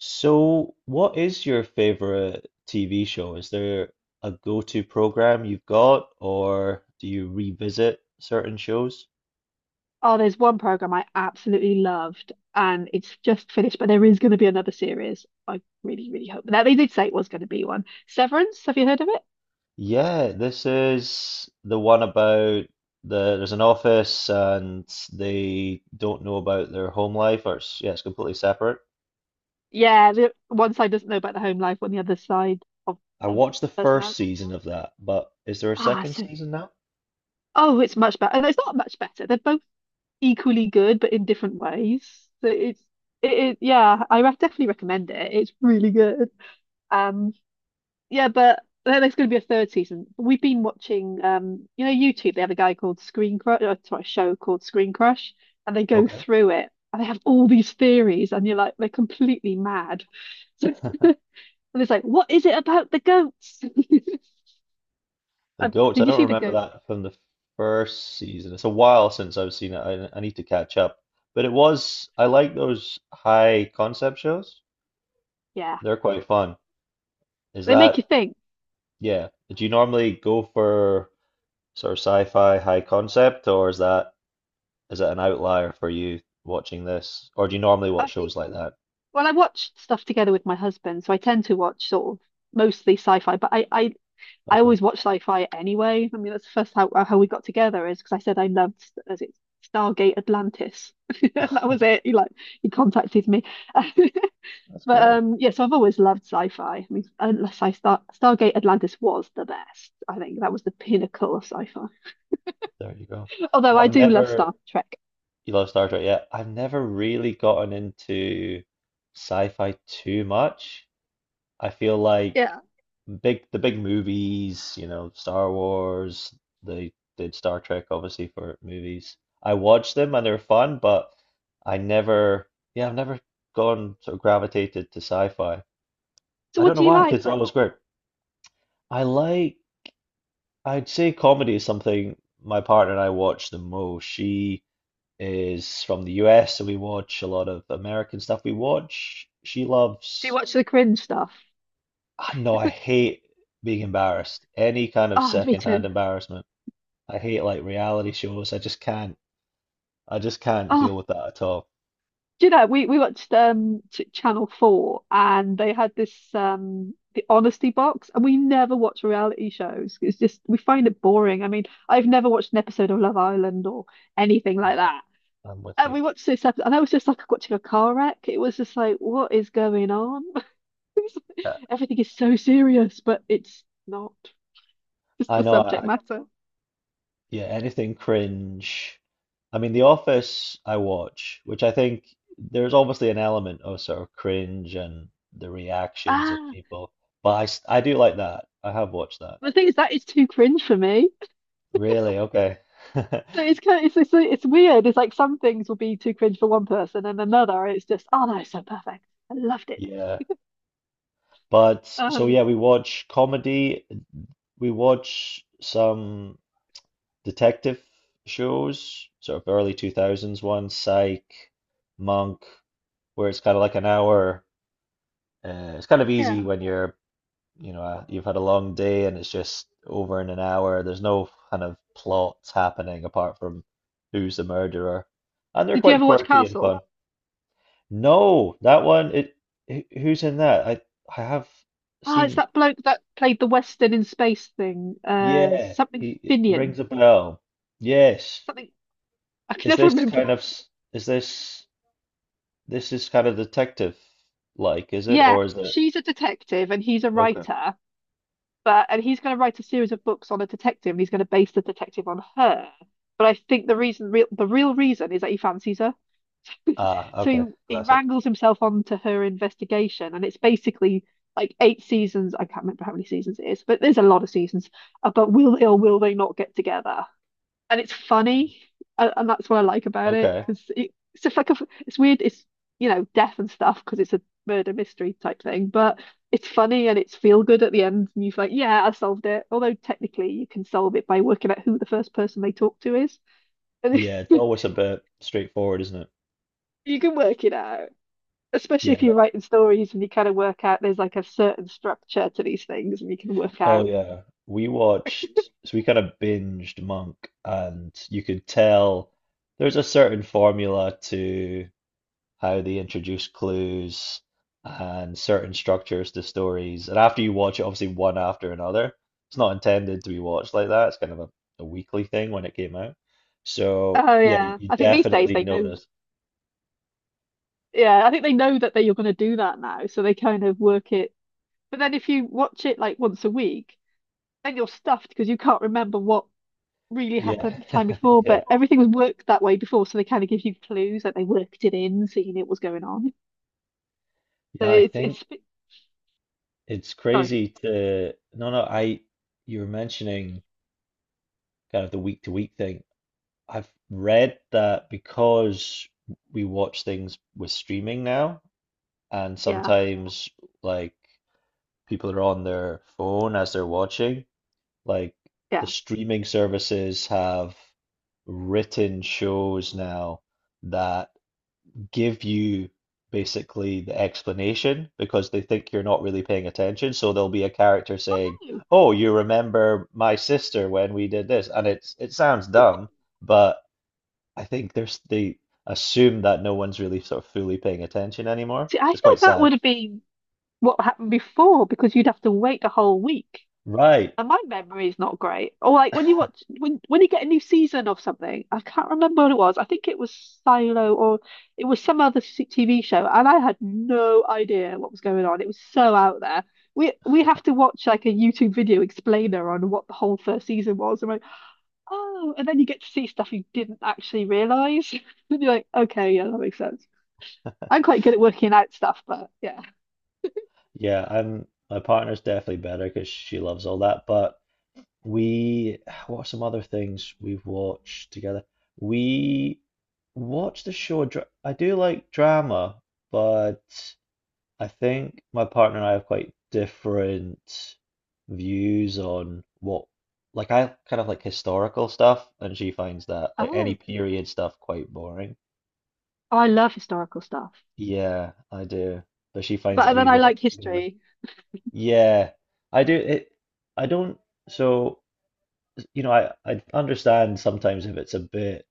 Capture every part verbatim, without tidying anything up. So, what is your favorite T V show? Is there a go-to program you've got, or do you revisit certain shows? Oh, there's one program I absolutely loved, and it's just finished, but there is going to be another series. I really, really hope that they did say it was going to be one. Severance, have you heard of it? Yeah, this is the one about the there's an office, and they don't know about their home life, or it's, yeah, it's completely separate. Yeah, the one side doesn't know about the home life, on the other side of I um, watched the first personality. season of that, but is there a Ah, second so season now? oh, it's much better. No, it's not much better. They're both equally good, but in different ways. So it's it, it yeah, I re definitely recommend it. It's really good. Um, Yeah, but there- there's going to be a third season. We've been watching, um, you know, YouTube. They have a guy called Screen Crush, or sorry, a show called Screen Crush, and they go Okay. through it, and they have all these theories, and you're like, they're completely mad. So, and it's like, what is it about the goats? The Uh, goats, I Did you don't see the remember goat? that from the first season. It's a while since I've seen it. I, I need to catch up. But it was, I like those high concept shows. Yeah, They're quite fun. Is they make you that, think. yeah. Do you normally go for sort of sci-fi high concept, or is that is it an outlier for you watching this? Or do you normally watch I shows think like that? Well, I watch stuff together with my husband, so I tend to watch sort of mostly sci-fi, but I I I Okay. always watch sci-fi anyway. I mean, that's the first how how we got together is because I said I loved as it Stargate Atlantis. And that was it. He like he contacted me. That's But great. um yeah, so I've always loved sci-fi. I mean, unless I start Stargate Atlantis was the best. I think that was the pinnacle of sci-fi. There you go. Although I've I do love Star never, Trek. you love Star Trek, yeah. I've never really gotten into sci-fi too much. I feel like Yeah. big the big movies, you know, Star Wars, they did Star Trek obviously for movies. I watched them and they're fun, but I never, yeah, I've never gone sort of gravitated to sci-fi. So I what don't know do you why, 'cause like it's then? always great. I like, I'd say comedy is something my partner and I watch the most. She is from the U S, so we watch a lot of American stuff. We watch, she Do you loves. watch the cringe stuff? Ah, no, I hate being embarrassed. Any kind of Oh, me secondhand too. embarrassment. I hate like reality shows. I just can't. I just can't Oh, deal with that at all. do you know, we, we watched um Ch Channel four and they had this um the honesty box, and we never watch reality shows. It's just we find it boring. I mean, I've never watched an episode of Love Island or anything No, like that. I- I'm with And you. we watched this episode and that was just like watching a car wreck. It was just like, what is going on? Yeah, Everything is so serious, but it's not. It's I the know. subject I, I matter. yeah, anything cringe. I mean, The Office I watch, which I think there's obviously an element of sort of cringe and the reactions of Ah, people, but I s- I do like that. I have watched that. the thing is that is too cringe for me. Really? Okay. So it's kind of, it's, it's it's weird. It's like some things will be too cringe for one person, and another it's just oh no, it's so perfect. I loved it. Yeah. But so yeah, Um, we watch comedy. We watch some detective shows, sort of early two thousands one, Psych, Monk, where it's kind of like an hour. Uh, it's kind of easy yeah. when you're, you know, uh, you've had a long day, and it's just over in an hour. There's no kind of plots happening apart from who's the murderer. And they're Did you quite ever watch quirky and Castle? fun. No, that one, it, wh- who's in that? I, I have Oh, it's seen, that bloke that played the Western in space thing. Uh, yeah, Something he, it Finian. rings a bell. Yes. Something I can Is never this remember. kind of s- is this this is kind of detective, like, is it Yeah, or is it she's a detective and he's a okay? writer, but and he's going to write a series of books on a detective, and he's going to base the detective on her. But I think the reason, real, the real reason is that he fancies her. Ah, So he, okay. he Classic. wrangles himself onto her investigation, and it's basically like eight seasons. I can't remember how many seasons it is, but there's a lot of seasons about will they or will they not get together? And it's funny, a- and that's what I like about it Okay. because it, it's just like a, it's weird. It's you know death and stuff because it's a murder mystery type thing, but it's funny and it's feel good at the end, and you're like, yeah, I solved it. Although technically you can solve it by working out who the first person they talk to is, and Yeah, it's always a bit straightforward, isn't it? you can work it out. Especially Yeah. if you're that- writing stories and you kind of work out there's like a certain structure to these things, and you can work Oh, out. yeah. We watched so we kind of binged Monk, and you could tell there's a certain formula to how they introduce clues and certain structures to stories. And after you watch it, obviously one after another, it's not intended to be watched like that. It's kind of a, a weekly thing when it came out. So Oh yeah, you yeah. you I think these days definitely they know notice. yeah, I think they know that they you're gonna do that now, so they kind of work it. But then if you watch it like once a week, then you're stuffed because you can't remember what really Yeah, happened the time before, yeah, but everything was worked that way before, so they kind of give you clues that they worked it in, so you knew what was going on. So yeah. I it's think it's it's sorry. crazy to. No, no. I you were mentioning kind of the week to week thing. I've read that because we watch things with streaming now, and Yeah, sometimes, like, people are on their phone as they're watching. Like, the yeah. streaming services have written shows now that give you basically the explanation because they think you're not really paying attention. So there'll be a character Oh saying, no. "Oh, you remember my sister when we did this," and it's it sounds dumb, but I think there's they assume that no one's really sort of fully paying attention anymore. See, I It's quite thought that sad. would have been what happened before because you'd have to wait a whole week. Right. And my memory is not great. Or like when you watch when when you get a new season of something, I can't remember what it was. I think it was Silo or it was some other s- T V show, and I had no idea what was going on. It was so out there. We we have to watch like a YouTube video explainer on what the whole first season was. And like, oh, and then you get to see stuff you didn't actually realize. And you're like, okay, yeah, that makes sense. I'm quite good at working out stuff, but yeah. Yeah, I'm my partner's definitely better because she loves all that. But we, what are some other things we've watched together? We watched the show. Dra- I do like drama, but I think my partner and I have quite different views on what, like, I kind of like historical stuff, and she finds that like any Oh, period stuff quite boring. I love historical stuff. Yeah, I do, but she finds it But a wee then I bit like boring. history. Yeah, I do it. I don't. So, you know, I I understand sometimes if it's a bit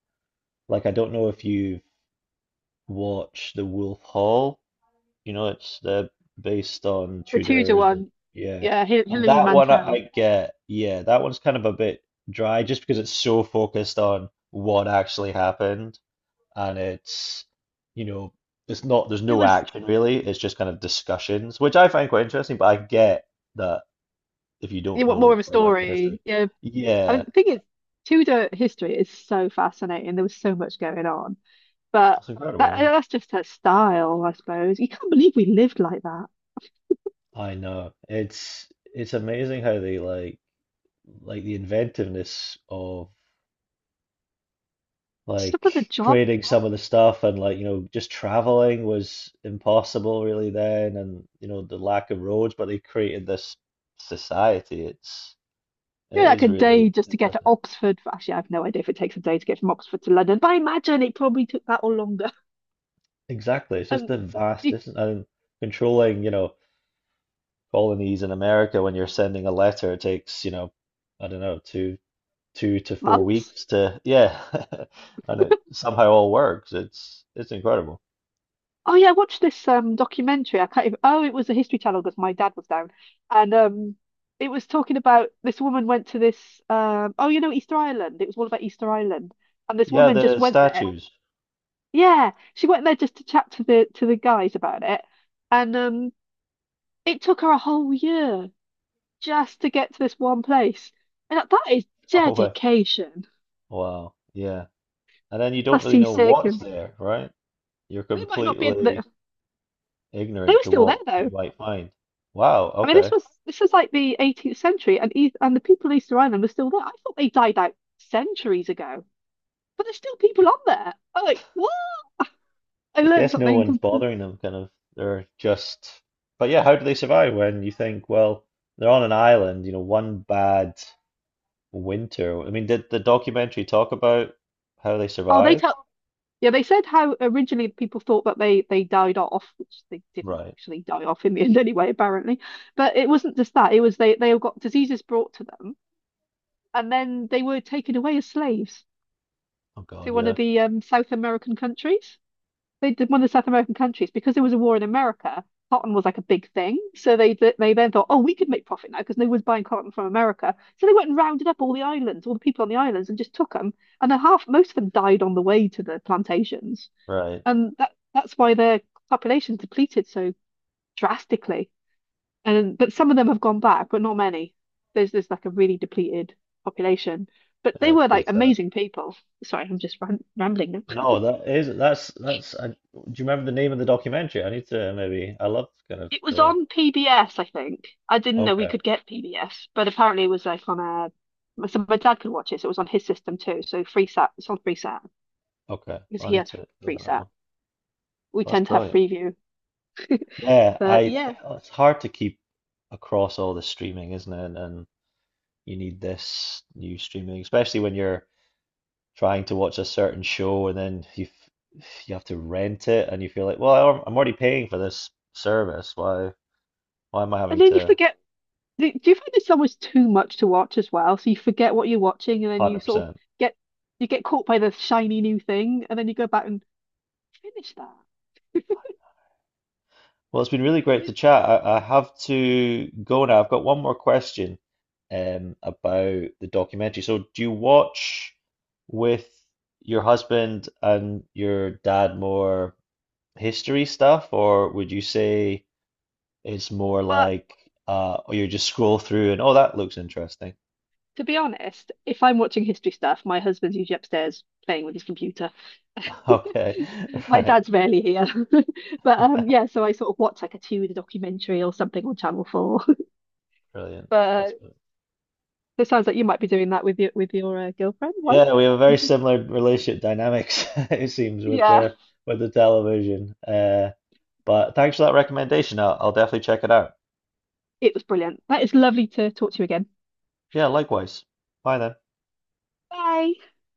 like, I don't know if you've watched The Wolf Hall. You know, it's the based on The Tudor Tudors. and- one, Yeah, yeah, Hi- and Hilary that one I, I Mantel. get. Yeah, that one's kind of a bit dry just because it's so focused on what actually happened, and it's, you know, it's not. There's It no was action really. It's just kind of discussions, which I find quite interesting. But I get that if you You don't want more of know a like the history. story. Yeah, I Yeah, don't think it's Tudor history is so fascinating. There was so much going on, but it's that incredible. that's just her style, I suppose. You can't believe we lived like that. I know. It's it's amazing how they, like like the inventiveness of, Some of the like, job, creating some of the stuff, and, like, you know, just traveling was impossible really then, and, you know, the lack of roads, but they created this society. It's you it know, like is a day really just to get to impressive. Oxford. Actually, I have no idea if it takes a day to get from Oxford to London, but I imagine it probably took that or longer. Exactly. It's just And the vast distance and controlling, you know, colonies in America when you're sending a letter, it takes, you know, I don't know, two two to four months. weeks to yeah. And it somehow all works. It's it's incredible. Oh yeah, I watched this um documentary. I can't even, oh, it was a History Channel because my dad was down. And um it was talking about this woman went to this um oh you know Easter Island. It was all about Easter Island. And this Yeah, woman just the went there. statues. Yeah, she went there just to chat to the to the guys about it. And um it took her a whole year just to get to this one place. And that, that is Oh, wa- dedication. wow. Yeah. And then you don't That's really know seasick, what's and there, right? You're they might not be they completely they ignorant were to still there what you though. might find. Wow. I mean, this Okay. was this was like the eighteenth century, and East, and the people in Easter Island were still there. I thought they died out centuries ago, but there's still people on there. I'm like, what? I I learned guess no something. one's comple- bothering them, kind of. They're just, but yeah, how do they survive when you think, well, they're on an island, you know, one bad winter. I mean, did the documentary talk about how they Oh, they survived? tell. Yeah, they said how originally people thought that they they died off, which they didn't Right. actually die off in the end anyway, apparently. But it wasn't just that; it was they they all got diseases brought to them, and then they were taken away as slaves Oh to God, one yeah. of the um, South American countries. They did One of the South American countries, because there was a war in America. Cotton was like a big thing, so they they then thought, oh, we could make profit now because no one's buying cotton from America. So they went and rounded up all the islands, all the people on the islands, and just took them. And then half, most of them died on the way to the plantations, Right. and that that's why their population depleted so drastically. And but some of them have gone back, but not many. There's there's like a really depleted population, but Yeah, they it's were pretty like sad. amazing people. Sorry, I'm just ram rambling now. No, that is that's that's. I, do you remember the name of the documentary? I need to maybe. I love kind of It was the. on P B S, I think. I didn't know we Okay, could get P B S, but apparently it was like on a. So my dad could watch it, so it was on his system too. So Freesat, it's on Freesat okay. because I he need has to look at that Freesat. one. We That's tend to have brilliant. Freeview, Yeah, but I. yeah. Oh, it's hard to keep across all the streaming, isn't it? And you need this new streaming, especially when you're trying to watch a certain show, and then you f- you have to rent it, and you feel like, well, I'm I'm already paying for this service. Why why am I And having then you to forget. Do do you find it's almost too much to watch as well? So you forget what you're watching, and then you sort of one hundred percent? get you get caught by the shiny new thing, and then you go back and finish that. Well, it's been really great to It's chat. I, I have to go now. I've got one more question, um, about the documentary. So, do you watch with your husband and your dad more history stuff, or would you say it's more well, like, uh, or you just scroll through and, oh, that looks interesting? to be honest, if I'm watching history stuff, my husband's usually upstairs playing with his computer. Okay, My right, dad's rarely here. But um yeah, so I sort of watch like a Tudor documentary or something on Channel four. brilliant. But uh, That's brilliant. it sounds like you might be doing that with your with your uh, girlfriend, Yeah, wife. we have a very similar relationship dynamics, it seems, with Yeah. the with the television. Uh, But thanks for that recommendation. I'll, I'll definitely check it out. It was brilliant. That is lovely to talk to you again. Yeah, likewise. Bye then. Bye.